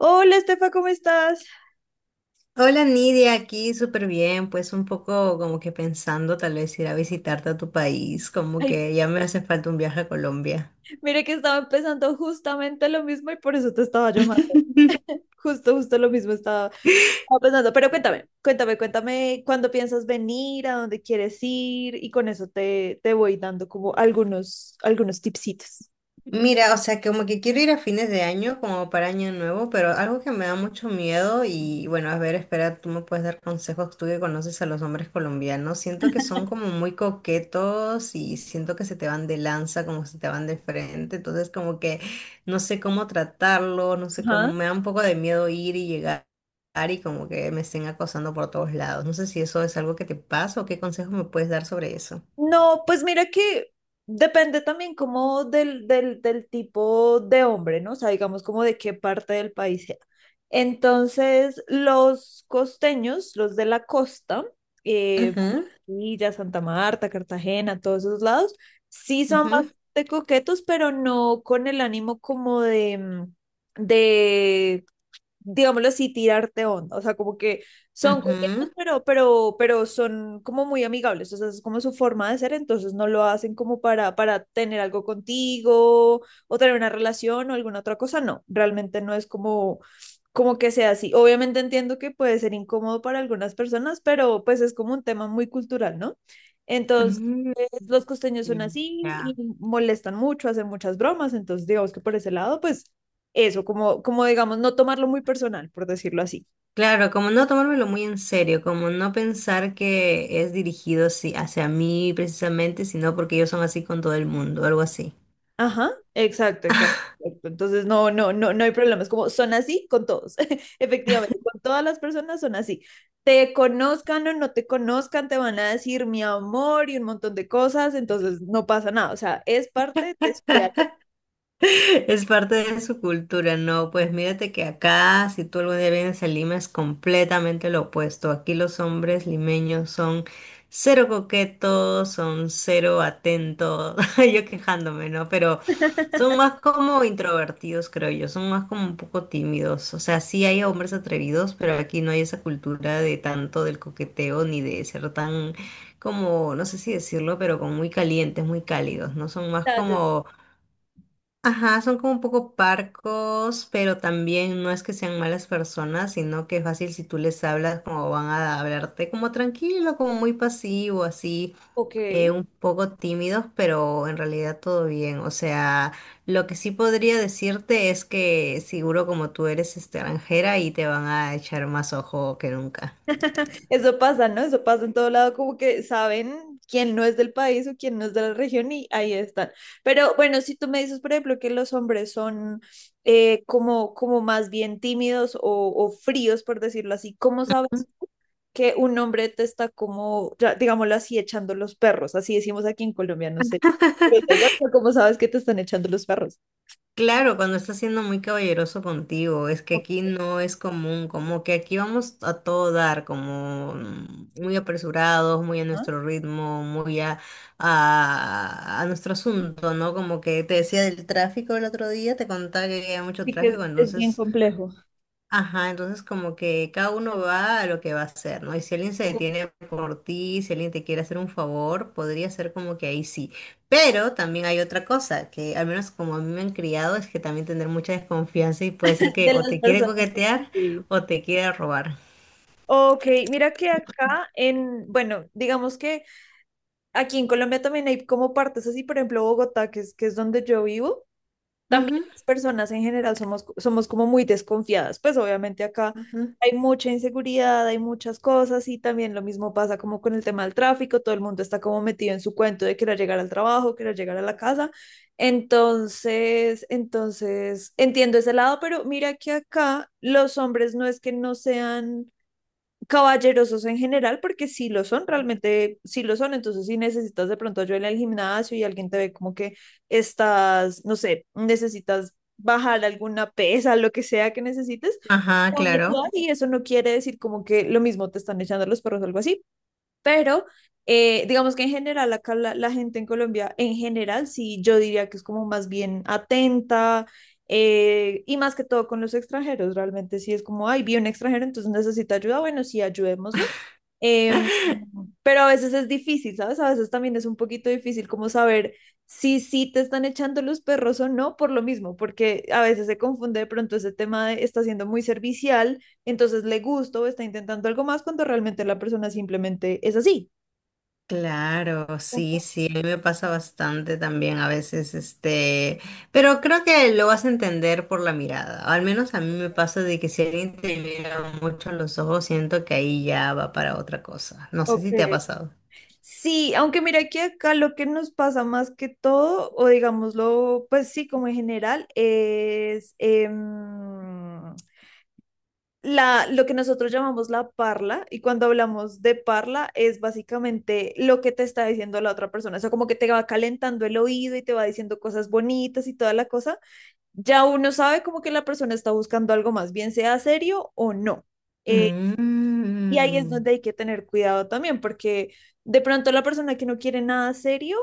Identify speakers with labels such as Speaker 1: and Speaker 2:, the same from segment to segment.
Speaker 1: Hola, Estefa, ¿cómo estás?
Speaker 2: Hola Nidia, aquí súper bien, pues un poco como que pensando tal vez ir a visitarte a tu país, como
Speaker 1: Ay,
Speaker 2: que ya me hace falta un viaje a Colombia.
Speaker 1: mire que estaba empezando justamente lo mismo y por eso te estaba llamando. Justo, justo lo mismo estaba pensando. Pero cuéntame, cuéntame, cuéntame cuándo piensas venir, a dónde quieres ir y con eso te voy dando como algunos tipsitos.
Speaker 2: Mira, o sea, como que quiero ir a fines de año, como para año nuevo, pero algo que me da mucho miedo y bueno, a ver, espera, tú me puedes dar consejos, tú que conoces a los hombres colombianos, siento que son como muy coquetos y siento que se te van de lanza, como se te van de frente, entonces como que no sé cómo tratarlo, no sé cómo, me da un poco de miedo ir y llegar y como que me estén acosando por todos lados, no sé si eso es algo que te pasa o qué consejos me puedes dar sobre eso.
Speaker 1: No, pues mira que depende también como del tipo de hombre, ¿no? O sea, digamos como de qué parte del país sea. Entonces, los costeños, los de la costa, eh,
Speaker 2: Ujú.
Speaker 1: Villa, Santa Marta, Cartagena, todos esos lados, sí son
Speaker 2: Ujú,
Speaker 1: bastante coquetos, pero no con el ánimo como de digámoslo así, tirarte onda. O sea, como que son coquetos,
Speaker 2: ujú,
Speaker 1: pero son como muy amigables. O sea, es como su forma de ser, entonces no lo hacen como para tener algo contigo o tener una relación o alguna otra cosa. No, realmente no es como que sea así. Obviamente entiendo que puede ser incómodo para algunas personas, pero pues es como un tema muy cultural, ¿no? Entonces.
Speaker 2: ujú.
Speaker 1: Los costeños son
Speaker 2: Mm,
Speaker 1: así
Speaker 2: ya.
Speaker 1: y molestan mucho, hacen muchas bromas, entonces digamos que por ese lado, pues eso, como digamos, no tomarlo muy personal, por decirlo así.
Speaker 2: Claro, como no tomármelo muy en serio, como no pensar que es dirigido, sí, hacia mí precisamente, sino porque ellos son así con todo el mundo, algo así.
Speaker 1: Ajá, exacto, exacto. Exacto. Entonces, no, no, no, no hay problemas. Como son así con todos. Efectivamente, con todas las personas son así. Te conozcan o no te conozcan, te van a decir mi amor y un montón de cosas, entonces no pasa nada. O sea, es parte de su vida.
Speaker 2: Es parte de su cultura. No, pues mírate que acá, si tú algún día vienes a Lima, es completamente lo opuesto. Aquí los hombres limeños son cero coquetos, son cero atentos, yo quejándome, ¿no? Pero son más como introvertidos, creo yo, son más como un poco tímidos. O sea, sí hay hombres atrevidos, pero aquí no hay esa cultura de tanto del coqueteo ni de ser tan como, no sé si decirlo, pero como muy calientes, muy cálidos, ¿no? Son más como... Ajá, son como un poco parcos, pero también no es que sean malas personas, sino que es fácil si tú les hablas como van a hablarte, como tranquilo, como muy pasivo, así,
Speaker 1: Ok,
Speaker 2: un poco tímidos, pero en realidad todo bien. O sea, lo que sí podría decirte es que seguro como tú eres extranjera y te van a echar más ojo que nunca.
Speaker 1: eso pasa, ¿no? Eso pasa en todo lado, como que saben quién no es del país o quién no es de la región y ahí están. Pero bueno, si tú me dices, por ejemplo, que los hombres son como más bien tímidos o fríos, por decirlo así, ¿cómo sabes que un hombre te está como, ya, digámoslo así, echando los perros? Así decimos aquí en Colombia, no sé. Pero da igual, pero ¿cómo sabes que te están echando los perros?
Speaker 2: Claro, cuando está siendo muy caballeroso contigo, es que
Speaker 1: ¿No?
Speaker 2: aquí no es común, como que aquí vamos a todo dar, como muy apresurados, muy a nuestro ritmo, muy a nuestro asunto, ¿no? Como que te decía del tráfico el otro día, te contaba que había mucho
Speaker 1: Sí que es,
Speaker 2: tráfico,
Speaker 1: es bien
Speaker 2: entonces...
Speaker 1: complejo.
Speaker 2: Ajá, entonces como que cada uno va a lo que va a hacer, ¿no? Y si alguien se detiene por ti, si alguien te quiere hacer un favor, podría ser como que ahí sí. Pero también hay otra cosa, que al menos como a mí me han criado, es que también tener mucha desconfianza, y puede ser que
Speaker 1: De
Speaker 2: o
Speaker 1: las
Speaker 2: te quiere
Speaker 1: personas.
Speaker 2: coquetear
Speaker 1: Sí.
Speaker 2: o te quiere robar.
Speaker 1: Ok, mira que acá en, bueno, digamos que aquí en Colombia también hay como partes así, por ejemplo, Bogotá, que es donde yo vivo, también
Speaker 2: Ujú.
Speaker 1: las personas en general somos como muy desconfiadas, pues obviamente acá
Speaker 2: Ajá.
Speaker 1: hay mucha inseguridad, hay muchas cosas y también lo mismo pasa como con el tema del tráfico, todo el mundo está como metido en su cuento de querer llegar al trabajo, querer llegar a la casa, entiendo ese lado, pero mira que acá los hombres no es que no sean caballerosos en general, porque si lo son, realmente si lo son, entonces si necesitas de pronto ayuda en el gimnasio y alguien te ve como que estás, no sé, necesitas bajar alguna pesa, lo que sea que necesites,
Speaker 2: Ajá,
Speaker 1: te van a
Speaker 2: claro.
Speaker 1: ayudar y eso no quiere decir como que lo mismo te están echando los perros o algo así, pero digamos que en general acá la gente en Colombia, en general, sí, yo diría que es como más bien atenta. Y más que todo con los extranjeros, realmente sí es como, ay, vi un extranjero, entonces necesita ayuda, bueno, sí, ayudémoslo. Em, pero a veces es difícil, ¿sabes? A veces también es un poquito difícil como saber si sí te están echando los perros o no por lo mismo, porque a veces se confunde de pronto ese tema de está siendo muy servicial entonces le gustó o está intentando algo más cuando realmente la persona simplemente es así.
Speaker 2: Claro, sí,
Speaker 1: Ujú,
Speaker 2: sí, a mí me pasa bastante también a veces, este, pero creo que lo vas a entender por la mirada, al menos a mí me pasa de que si alguien te mira mucho a los ojos, siento que ahí ya va para otra cosa, no sé
Speaker 1: ok.
Speaker 2: si te ha pasado.
Speaker 1: Sí, aunque mira que acá lo que nos pasa más que todo, o digámoslo, pues sí, como en general, es lo que nosotros llamamos la parla, y cuando hablamos de parla es básicamente lo que te está diciendo la otra persona, o sea, como que te va calentando el oído y te va diciendo cosas bonitas y toda la cosa, ya uno sabe como que la persona está buscando algo más, bien sea serio o no. Eh, y ahí es
Speaker 2: Mm.
Speaker 1: donde hay que tener cuidado también, porque de pronto la persona que no quiere nada serio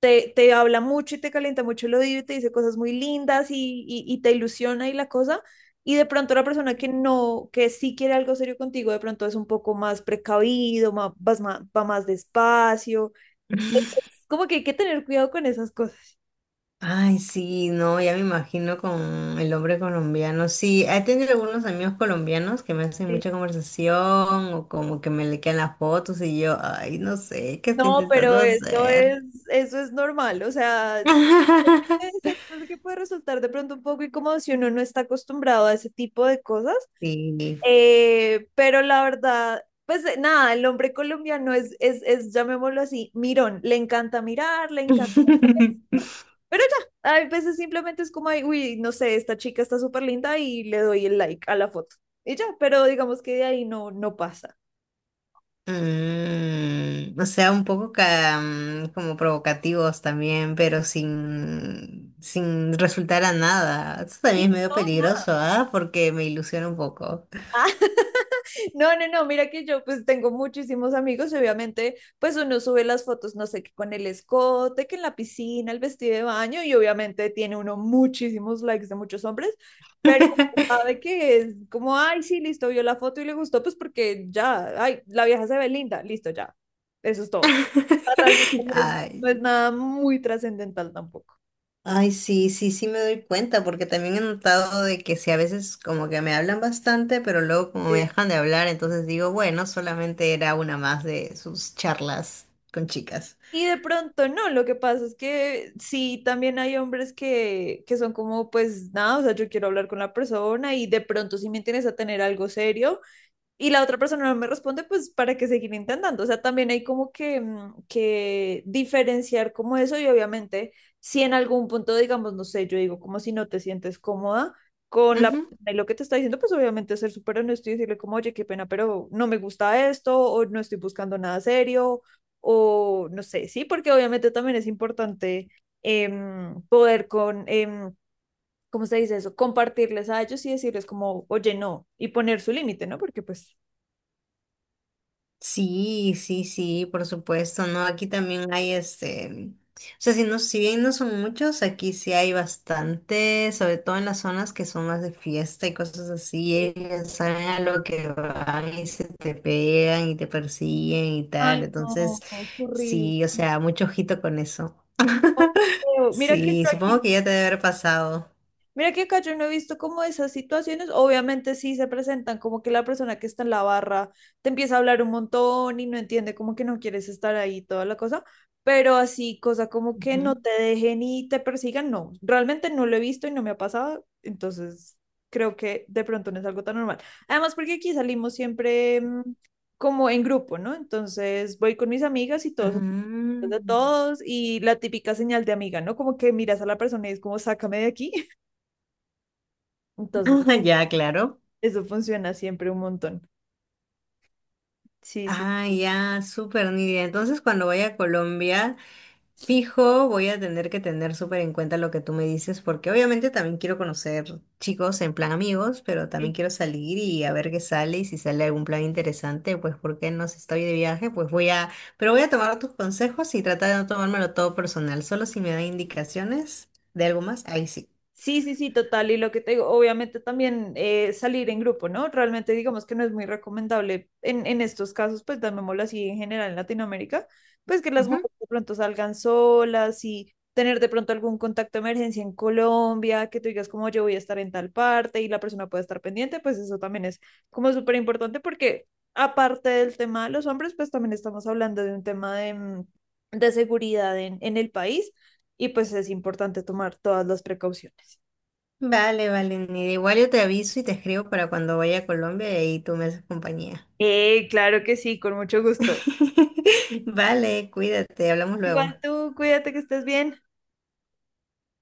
Speaker 1: te habla mucho y te calienta mucho el oído y te dice cosas muy lindas y te ilusiona y la cosa. Y de pronto la persona que no, que sí quiere algo serio contigo, de pronto es un poco más precavido, más, va más despacio. Como que hay que tener cuidado con esas cosas.
Speaker 2: Ay, sí, no, ya me imagino con el hombre colombiano. Sí, he tenido algunos amigos colombianos que me hacen
Speaker 1: Sí.
Speaker 2: mucha conversación o como que me le quedan las fotos y yo, ay, no sé, ¿qué estoy
Speaker 1: No,
Speaker 2: intentando
Speaker 1: pero
Speaker 2: hacer?
Speaker 1: eso es normal, o sea, exacto, que puede resultar de pronto un poco incómodo si uno no está acostumbrado a ese tipo de cosas,
Speaker 2: Sí.
Speaker 1: pero la verdad, pues nada, el hombre colombiano es, llamémoslo así, mirón, le encanta mirar, le encanta, pero ya, a veces simplemente es como, ay, uy, no sé, esta chica está súper linda y le doy el like a la foto, y ya, pero digamos que de ahí no pasa.
Speaker 2: Mm, o sea, un poco como provocativos también, pero sin resultar a nada. Eso
Speaker 1: Sí,
Speaker 2: también es medio
Speaker 1: no, nada.
Speaker 2: peligroso, ¿ah? Porque me ilusiona un poco.
Speaker 1: No, no, no, mira que yo pues tengo muchísimos amigos y obviamente pues uno sube las fotos, no sé, que con el escote, que en la piscina, el vestido de baño y obviamente tiene uno muchísimos likes de muchos hombres, pero sabe que es como, ay, sí, listo, vio la foto y le gustó, pues porque ya, ay, la vieja se ve linda, listo, ya, eso es todo. O sea, realmente no es, no
Speaker 2: Ay,
Speaker 1: es nada muy trascendental tampoco.
Speaker 2: ay, sí, sí, sí me doy cuenta, porque también he notado de que si a veces como que me hablan bastante, pero luego como me dejan de hablar, entonces digo, bueno, solamente era una más de sus charlas con chicas.
Speaker 1: Y de pronto no, lo que pasa es que sí, también hay hombres que son como, pues nada, o sea, yo quiero hablar con la persona y de pronto si me interesa tener algo serio, y la otra persona no me responde, pues para que seguir intentando. O sea, también hay como que diferenciar como eso y obviamente si en algún punto, digamos, no sé, yo digo como si no te sientes cómoda con la
Speaker 2: Ujú.
Speaker 1: persona y lo que te está diciendo, pues obviamente ser súper honesto y decirle como, oye, qué pena, pero no me gusta esto o no estoy buscando nada serio o no sé, sí, porque obviamente también es importante em, poder con... em, ¿cómo se dice eso? Compartirles a ellos y decirles como, oye, no, y poner su límite, ¿no? Porque pues.
Speaker 2: Sí, sí, sí, por supuesto, ¿no? Aquí también hay este, o sea, si no, si bien no son muchos, aquí sí hay bastante, sobre todo en las zonas que son más de fiesta y cosas así, ellos saben a lo que van y se te pegan y te persiguen y tal,
Speaker 1: Ay, no,
Speaker 2: entonces
Speaker 1: qué horrible.
Speaker 2: sí, o sea, mucho ojito con eso.
Speaker 1: Oh, qué feo.
Speaker 2: Sí, supongo que ya te debe haber pasado.
Speaker 1: Mira que acá yo no he visto como esas situaciones, obviamente sí se presentan como que la persona que está en la barra te empieza a hablar un montón y no entiende como que no quieres estar ahí, toda la cosa, pero así, cosa como que no te dejen y te persigan, no, realmente no lo he visto y no me ha pasado, entonces creo que de pronto no es algo tan normal. Además, porque aquí salimos siempre como en grupo, ¿no? Entonces voy con mis amigas y
Speaker 2: Ujú.
Speaker 1: todos de
Speaker 2: Mm.
Speaker 1: todos y la típica señal de amiga, ¿no? Como que miras a la persona y es como, sácame de aquí. Entonces,
Speaker 2: Ya, claro.
Speaker 1: eso funciona siempre un montón. Sí, sí.
Speaker 2: Ah, ya, súper Nidia. Entonces, cuando vaya a Colombia, fijo, voy a tener que tener súper en cuenta lo que tú me dices, porque obviamente también quiero conocer chicos en plan amigos, pero también
Speaker 1: Sí.
Speaker 2: quiero salir y a ver qué sale y si sale algún plan interesante, pues porque no, si estoy de viaje, pues voy a... pero voy a tomar tus consejos y tratar de no tomármelo todo personal, solo si me dan indicaciones de algo más, ahí sí.
Speaker 1: Sí, sí, sí, total. Y lo que te digo, obviamente también salir en grupo, ¿no? Realmente digamos que no es muy recomendable en estos casos, pues llamémoslo así en general en Latinoamérica, pues que las mujeres
Speaker 2: Ujú.
Speaker 1: de pronto salgan solas y tener de pronto algún contacto de emergencia en Colombia, que tú digas como yo voy a estar en tal parte y la persona puede estar pendiente, pues eso también es como súper importante porque aparte del tema de los hombres, pues también estamos hablando de un tema de seguridad en el país y pues es importante tomar todas las precauciones.
Speaker 2: Vale, vale, Nidia. Igual yo te aviso y te escribo para cuando vaya a Colombia y ahí tú me haces compañía.
Speaker 1: Claro que sí, con mucho gusto.
Speaker 2: Vale, cuídate, hablamos luego.
Speaker 1: Igual tú, cuídate que estés bien.